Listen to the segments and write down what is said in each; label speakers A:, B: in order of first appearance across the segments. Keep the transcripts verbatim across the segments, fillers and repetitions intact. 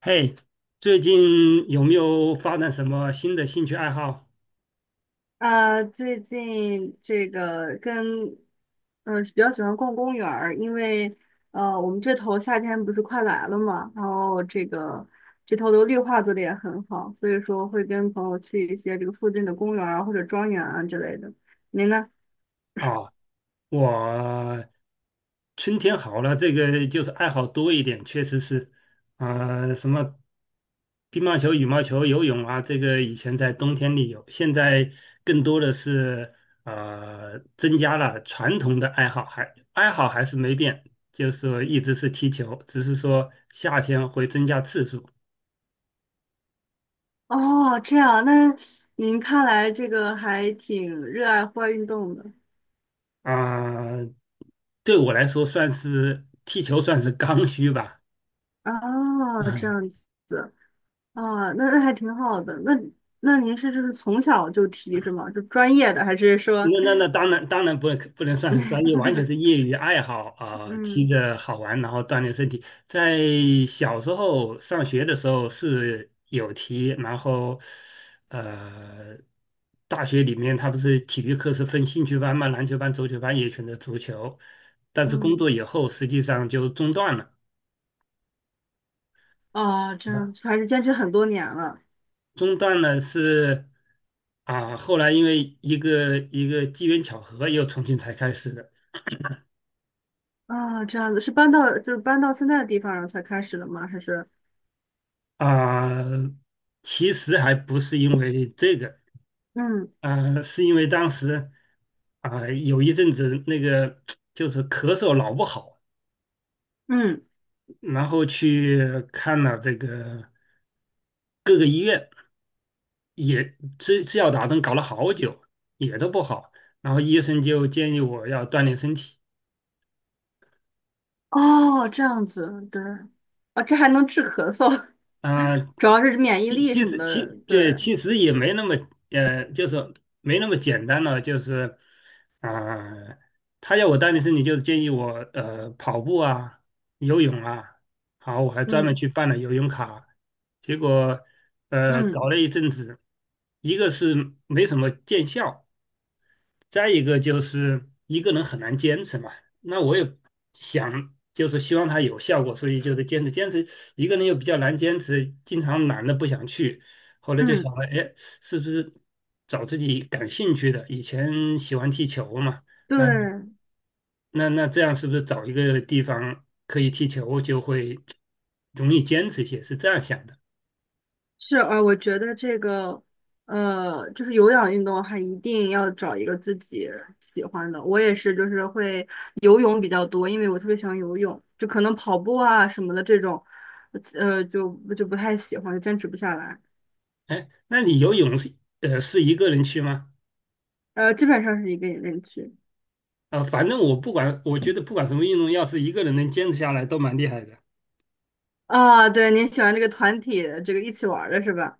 A: 嘿，最近有没有发展什么新的兴趣爱好
B: 啊，最近这个跟嗯、呃比较喜欢逛公园儿，因为呃我们这头夏天不是快来了嘛，然后这个这头的绿化做的也很好，所以说会跟朋友去一些这个附近的公园儿啊或者庄园啊之类的。您呢？
A: 啊？我春天好了，这个就是爱好多一点，确实是，啊、什么乒乓球、羽毛球、游泳啊，这个以前在冬天里有，现在更多的是呃增加了传统的爱好，还爱好还是没变，就是说一直是踢球，只是说夏天会增加次数。
B: 哦，这样，那您看来这个还挺热爱户外运动的
A: 啊、对我来说算是踢球算是刚需吧。
B: 啊，这
A: 嗯，
B: 样子啊，那那还挺好的。那那您是就是从小就踢是吗？就专业的还是说？
A: 那那那当然当然不不能算是 专业，完全是业余爱好啊、踢
B: 嗯
A: 着好玩，然后锻炼身体。在小时候上学的时候是有踢，然后呃，大学里面他不是体育课是分兴趣班嘛，篮球班、足球班也选择足球，但是工作
B: 嗯，
A: 以后实际上就中断了。
B: 哦，这
A: 啊。
B: 样子，还是坚持很多年了。
A: 中断呢是啊，后来因为一个一个机缘巧合，又重新才开始的
B: 啊，这样子是搬到就是搬到现在的地方然后才开始的吗？还是
A: 啊。其实还不是因为这个
B: 嗯
A: 啊，是因为当时啊有一阵子那个 就是咳嗽老不好，
B: 嗯
A: 然后去看了这个各个医院，也吃吃药打针搞了好久，也都不好。然后医生就建议我要锻炼身体。
B: 哦这样子，对，啊，这还能治咳嗽，
A: 啊，
B: 主要是免疫
A: 其
B: 力
A: 其
B: 什么
A: 实
B: 的，
A: 其
B: 对，
A: 这其实也没那么呃，就是没那么简单了，就是啊、他要我锻炼身体，就是建议我呃跑步啊、游泳啊，好，我还专门
B: 嗯
A: 去办了游泳卡，结果呃搞
B: 嗯
A: 了一阵子，一个是没什么见效，再一个就是一个人很难坚持嘛，那我也想就是希望他有效果，所以就是坚持坚持，一个人又比较难坚持，经常懒得不想去，后来就想
B: 嗯，
A: 了，哎，是不是找自己感兴趣的？以前喜欢踢球嘛，
B: 对
A: 那那那这样是不是找一个地方可以踢球就会容易坚持一些？是这样想的。
B: 是，呃，我觉得这个，呃，就是有氧运动的话一定要找一个自己喜欢的。我也是，就是会游泳比较多，因为我特别喜欢游泳，就可能跑步啊什么的这种，呃，就就不太喜欢，就坚持不下来。
A: 哎，那你游泳是呃是一个人去吗？
B: 呃，基本上是一个人去。
A: 呃，反正我不管，我觉得不管什么运动，要是一个人能坚持下来，都蛮厉害的。
B: 啊，对，您喜欢这个团体，这个一起玩儿的是吧？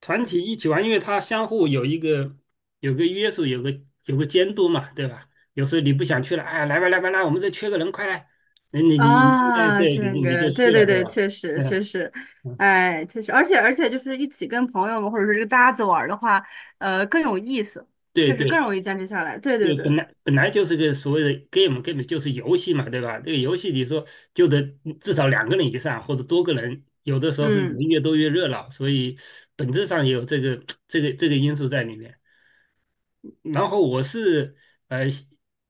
A: 团体一起玩，因为它相互有一个有个约束，有个有个监督嘛，对吧？有时候你不想去了，哎，来吧来吧来，我们这缺个人，快来！你你你，哎，
B: 啊，
A: 对，你
B: 这
A: 就你就
B: 个，对
A: 去
B: 对
A: 了，对
B: 对，
A: 吧？
B: 确实确
A: 嗯
B: 实，
A: 嗯，
B: 哎，确实，而且而且就是一起跟朋友们或者是这个搭子玩儿的话，呃，更有意思，
A: 对
B: 确实更
A: 对，
B: 容易坚持下来。对对
A: 对，
B: 对，
A: 本来本来就是个所谓的 game，game 就是游戏嘛，对吧？这个游戏你说就得至少两个人以上或者多个人，有的时候是人
B: 嗯
A: 越多越热闹，所以本质上也有这个这个这个因素在里面。然后我是呃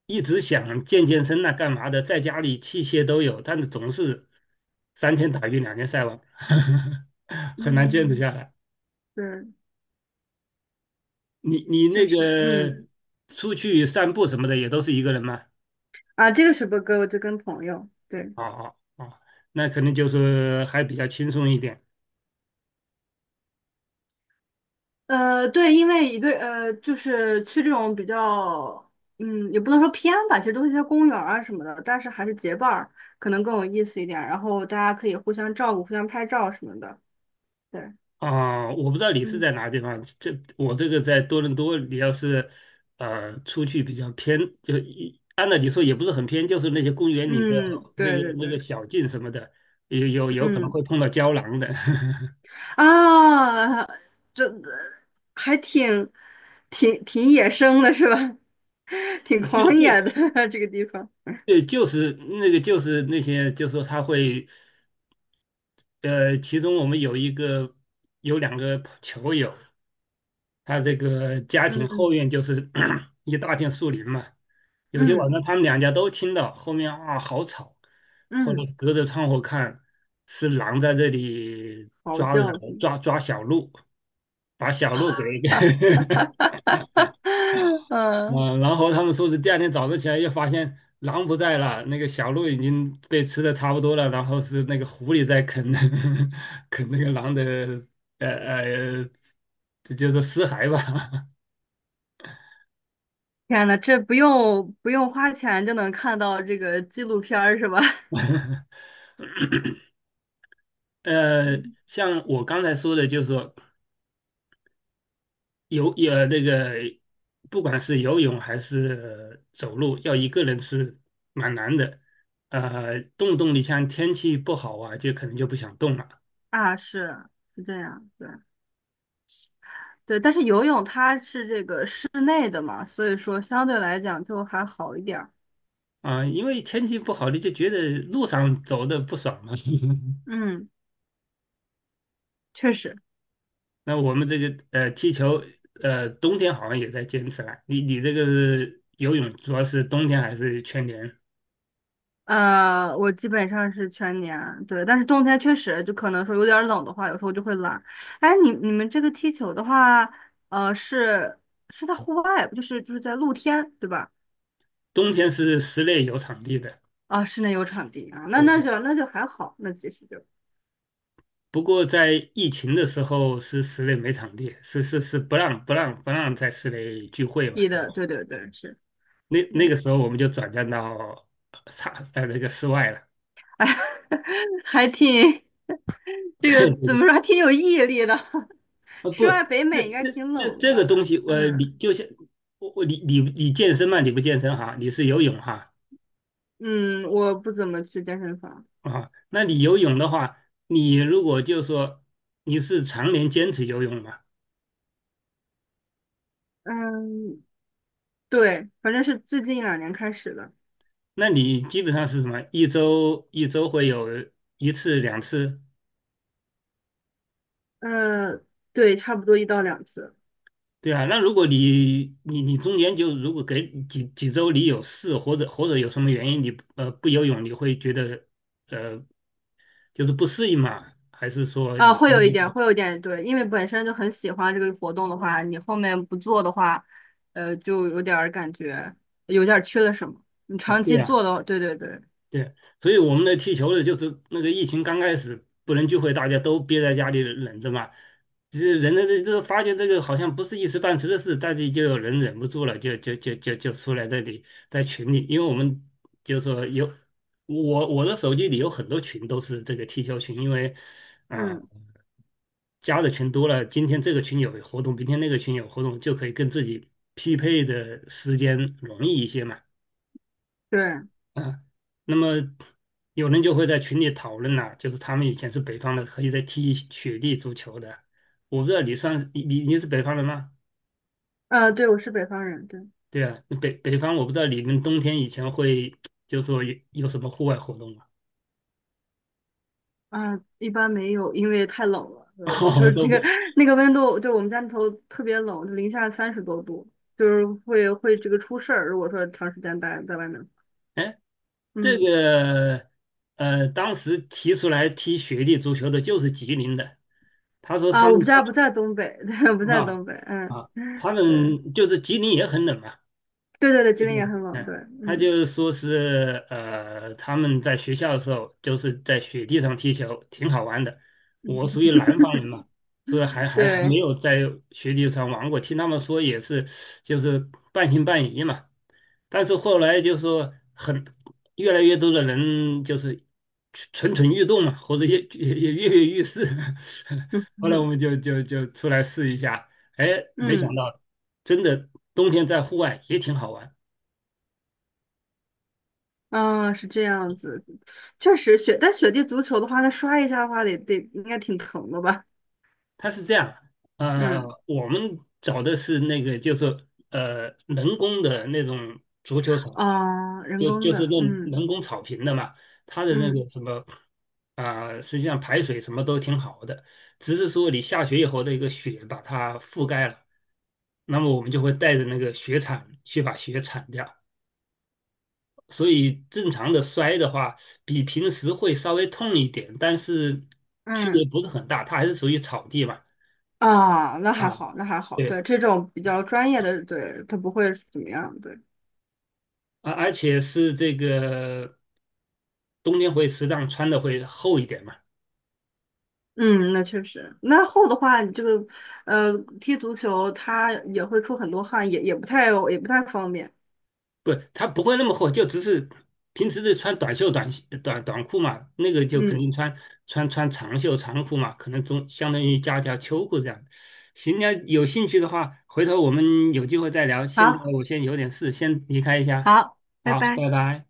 A: 一直想健健身呐、干嘛的，在家里器械都有，但是总是三天打鱼两天晒网，很难坚持
B: 嗯，
A: 下来。
B: 对，
A: 你你那
B: 确实，嗯
A: 个出去散步什么的也都是一个人吗？
B: 啊，这个是不歌我就跟朋友，对，
A: 哦哦哦，那可能就是还比较轻松一点
B: 呃，对，因为一个呃，就是去这种比较，嗯，也不能说偏吧，其实都是一些公园儿啊什么的，但是还是结伴儿可能更有意思一点，然后大家可以互相照顾、互相拍照什么的，对。
A: 啊。我不知道你是
B: 嗯。
A: 在哪个地方，这我这个在多伦多，你要是呃出去比较偏，就一按照你说也不是很偏，就是那些公园里的
B: 嗯，
A: 那个
B: 对对
A: 那个
B: 对，
A: 小径什么的，有有有可能
B: 嗯
A: 会碰到胶囊的。
B: 啊，这还挺挺挺野生的是吧？挺
A: 对
B: 狂
A: 对
B: 野的 这个地方。
A: 对，就是那个就是那些，就是说他会呃，其中我们有一个有两个球友，他这个家庭后
B: 嗯
A: 院就是 一大片树林嘛，有些晚
B: 嗯
A: 上他们两家都听到，后面啊好吵，后来
B: 嗯，
A: 隔着窗户看是狼在这里
B: 嚎
A: 抓着
B: 叫声。
A: 抓抓小鹿，把小鹿给 给
B: 嗯，
A: 嗯，然后他们说是第二天早上起来又发现狼不在了，那个小鹿已经被吃的差不多了，然后是那个狐狸在啃 啃那个狼的呃呃，这就是尸骸吧。
B: 天呐，这不用不用花钱就能看到这个纪录片儿是吧？
A: 呃，
B: 嗯
A: 像我刚才说的，就是说游呃那个，不管是游泳还是呃走路，要一个人是蛮难的。呃，动动你像天气不好啊，就可能就不想动了
B: 啊，是是这样，对对，但是游泳它是这个室内的嘛，所以说相对来讲就还好一点儿。
A: 啊，因为天气不好，你就觉得路上走的不爽嘛。
B: 嗯。确实，
A: 那我们这个呃踢球，呃冬天好像也在坚持了。你你这个是游泳主要是冬天还是全年？
B: 呃，我基本上是全年，对，但是冬天确实就可能说有点儿冷的话，有时候就会懒。哎，你你们这个踢球的话，呃，是是在户外，就是就是在露天，对吧？
A: 冬天是室内有场地的。
B: 啊，室内有场地啊，那那
A: 对。
B: 就那就还好，那其实就
A: 不过在疫情的时候是室内没场地，是是是不让不让不让在室内聚会嘛，
B: 踢
A: 对
B: 的，
A: 吧？
B: 对对对，是，
A: 那
B: 对，
A: 那个时候我们就转战到差呃那个室外了。
B: 哎，还挺 这个
A: 对对
B: 怎
A: 对，
B: 么说，还挺有毅力的。
A: 啊
B: 室
A: 不，
B: 外北
A: 这
B: 美应该
A: 这
B: 挺
A: 这
B: 冷的
A: 这个
B: 吧？
A: 东西，我
B: 嗯
A: 你就像我我你你你健身嘛，你不健身哈，你是游泳哈
B: 嗯，我不怎么去健身房。
A: 啊，那你游泳的话，你如果就说你是常年坚持游泳嘛，
B: 嗯，对，反正是最近一两年开始的。
A: 那你基本上是什么？一周一周会有一次两次。
B: 呃，对，差不多一到两次。
A: 对啊，那如果你你你中间就如果给几几周你有事或者或者有什么原因你不呃不游泳，你会觉得呃就是不适应嘛？还是说
B: 啊、
A: 你？
B: 会有一点，会有一点，对，因为本身就很喜欢这个活动的话，你后面不做的话，呃，就有点儿感觉有点儿缺了什么。你
A: 哦，
B: 长
A: 对
B: 期
A: 呀、
B: 做的话，对对对，
A: 对，所以我们的踢球的，就是那个疫情刚开始不能聚会，大家都憋在家里忍着嘛。这人的这这发现这个好像不是一时半时的事，大家就有人忍不住了，就就就就就出来这里在群里，因为我们就是说有我我的手机里有很多群都是这个踢球群，因为啊、
B: 嗯，
A: 加的群多了，今天这个群有活动，明天那个群有活动，就可以跟自己匹配的时间容易一些嘛。
B: 对，
A: 啊，那么有人就会在群里讨论了，就是他们以前是北方的，可以在踢雪地足球的。我不知道你算你你你是北方人吗？
B: 呃，对，我是北方人，对，
A: 对啊，北北方我不知道你们冬天以前会就说有有什么户外活动吗？
B: 啊、一般没有，因为太冷了，呃，就
A: 哦，
B: 是
A: 都
B: 这
A: 不，
B: 个 那个温度，对，我们家里头特别冷，零下三十多度，就是会会这个出事儿，如果说长时间待在外面，
A: 哎，这
B: 嗯。
A: 个呃，当时提出来踢雪地足球的就是吉林的，他说
B: 啊，
A: 他们
B: 我不在不
A: 上
B: 在东北，对，不在
A: 啊
B: 东北，嗯，
A: 啊，他
B: 对，
A: 们就是吉林也很冷啊。
B: 对对对，吉林也
A: 嗯，
B: 很冷，
A: 嗯，
B: 对，
A: 他就
B: 嗯
A: 是说是呃，他们在学校的时候就是在雪地上踢球，挺好玩的。我属
B: 嗯，
A: 于南方人嘛，所以还还还没
B: 对，
A: 有在雪地上玩过。听他们说也是，就是半信半疑嘛。但是后来就说很越来越多的人就是蠢蠢欲动嘛，或者也也也跃跃欲试。
B: 嗯
A: 后来我
B: 嗯
A: 们就就就出来试一下，哎，没想
B: 嗯，
A: 到真的冬天在户外也挺好玩。
B: 啊，是这样子，确实雪，但雪地足球的话，它摔一下的话得得应该挺疼的吧？
A: 它是这样，呃，
B: 嗯，
A: 我们找的是那个，就是呃，人工的那种足球场，
B: 啊，人
A: 就
B: 工
A: 就是
B: 的，
A: 用
B: 嗯
A: 人工草坪的嘛，它的那
B: 嗯
A: 个什么，啊、实际上排水什么都挺好的，只是说你下雪以后的一个雪把它覆盖了，那么我们就会带着那个雪铲去把雪铲掉，所以正常的摔的话，比平时会稍微痛一点，但是区
B: 嗯，
A: 别不是很大，它还是属于草地嘛，
B: 啊，那还
A: 啊。
B: 好，那还好，对，
A: 对。
B: 这种比较专业的，对，它不会怎么样，对。
A: 啊，而且是这个冬天会适当穿的会厚一点嘛，
B: 嗯，那确实。那厚的话，你这个呃，踢足球它也会出很多汗，也也不太也不太方便。
A: 不，它不会那么厚，就只是平时是穿短袖短袖短短裤嘛，那个就肯
B: 嗯，
A: 定穿穿穿长袖长裤嘛，可能中相当于加条秋裤这样。行，那有兴趣的话，回头我们有机会再聊。现在
B: 好，
A: 我先有点事，先离开一下，
B: 好，拜
A: 好，
B: 拜。
A: 拜拜。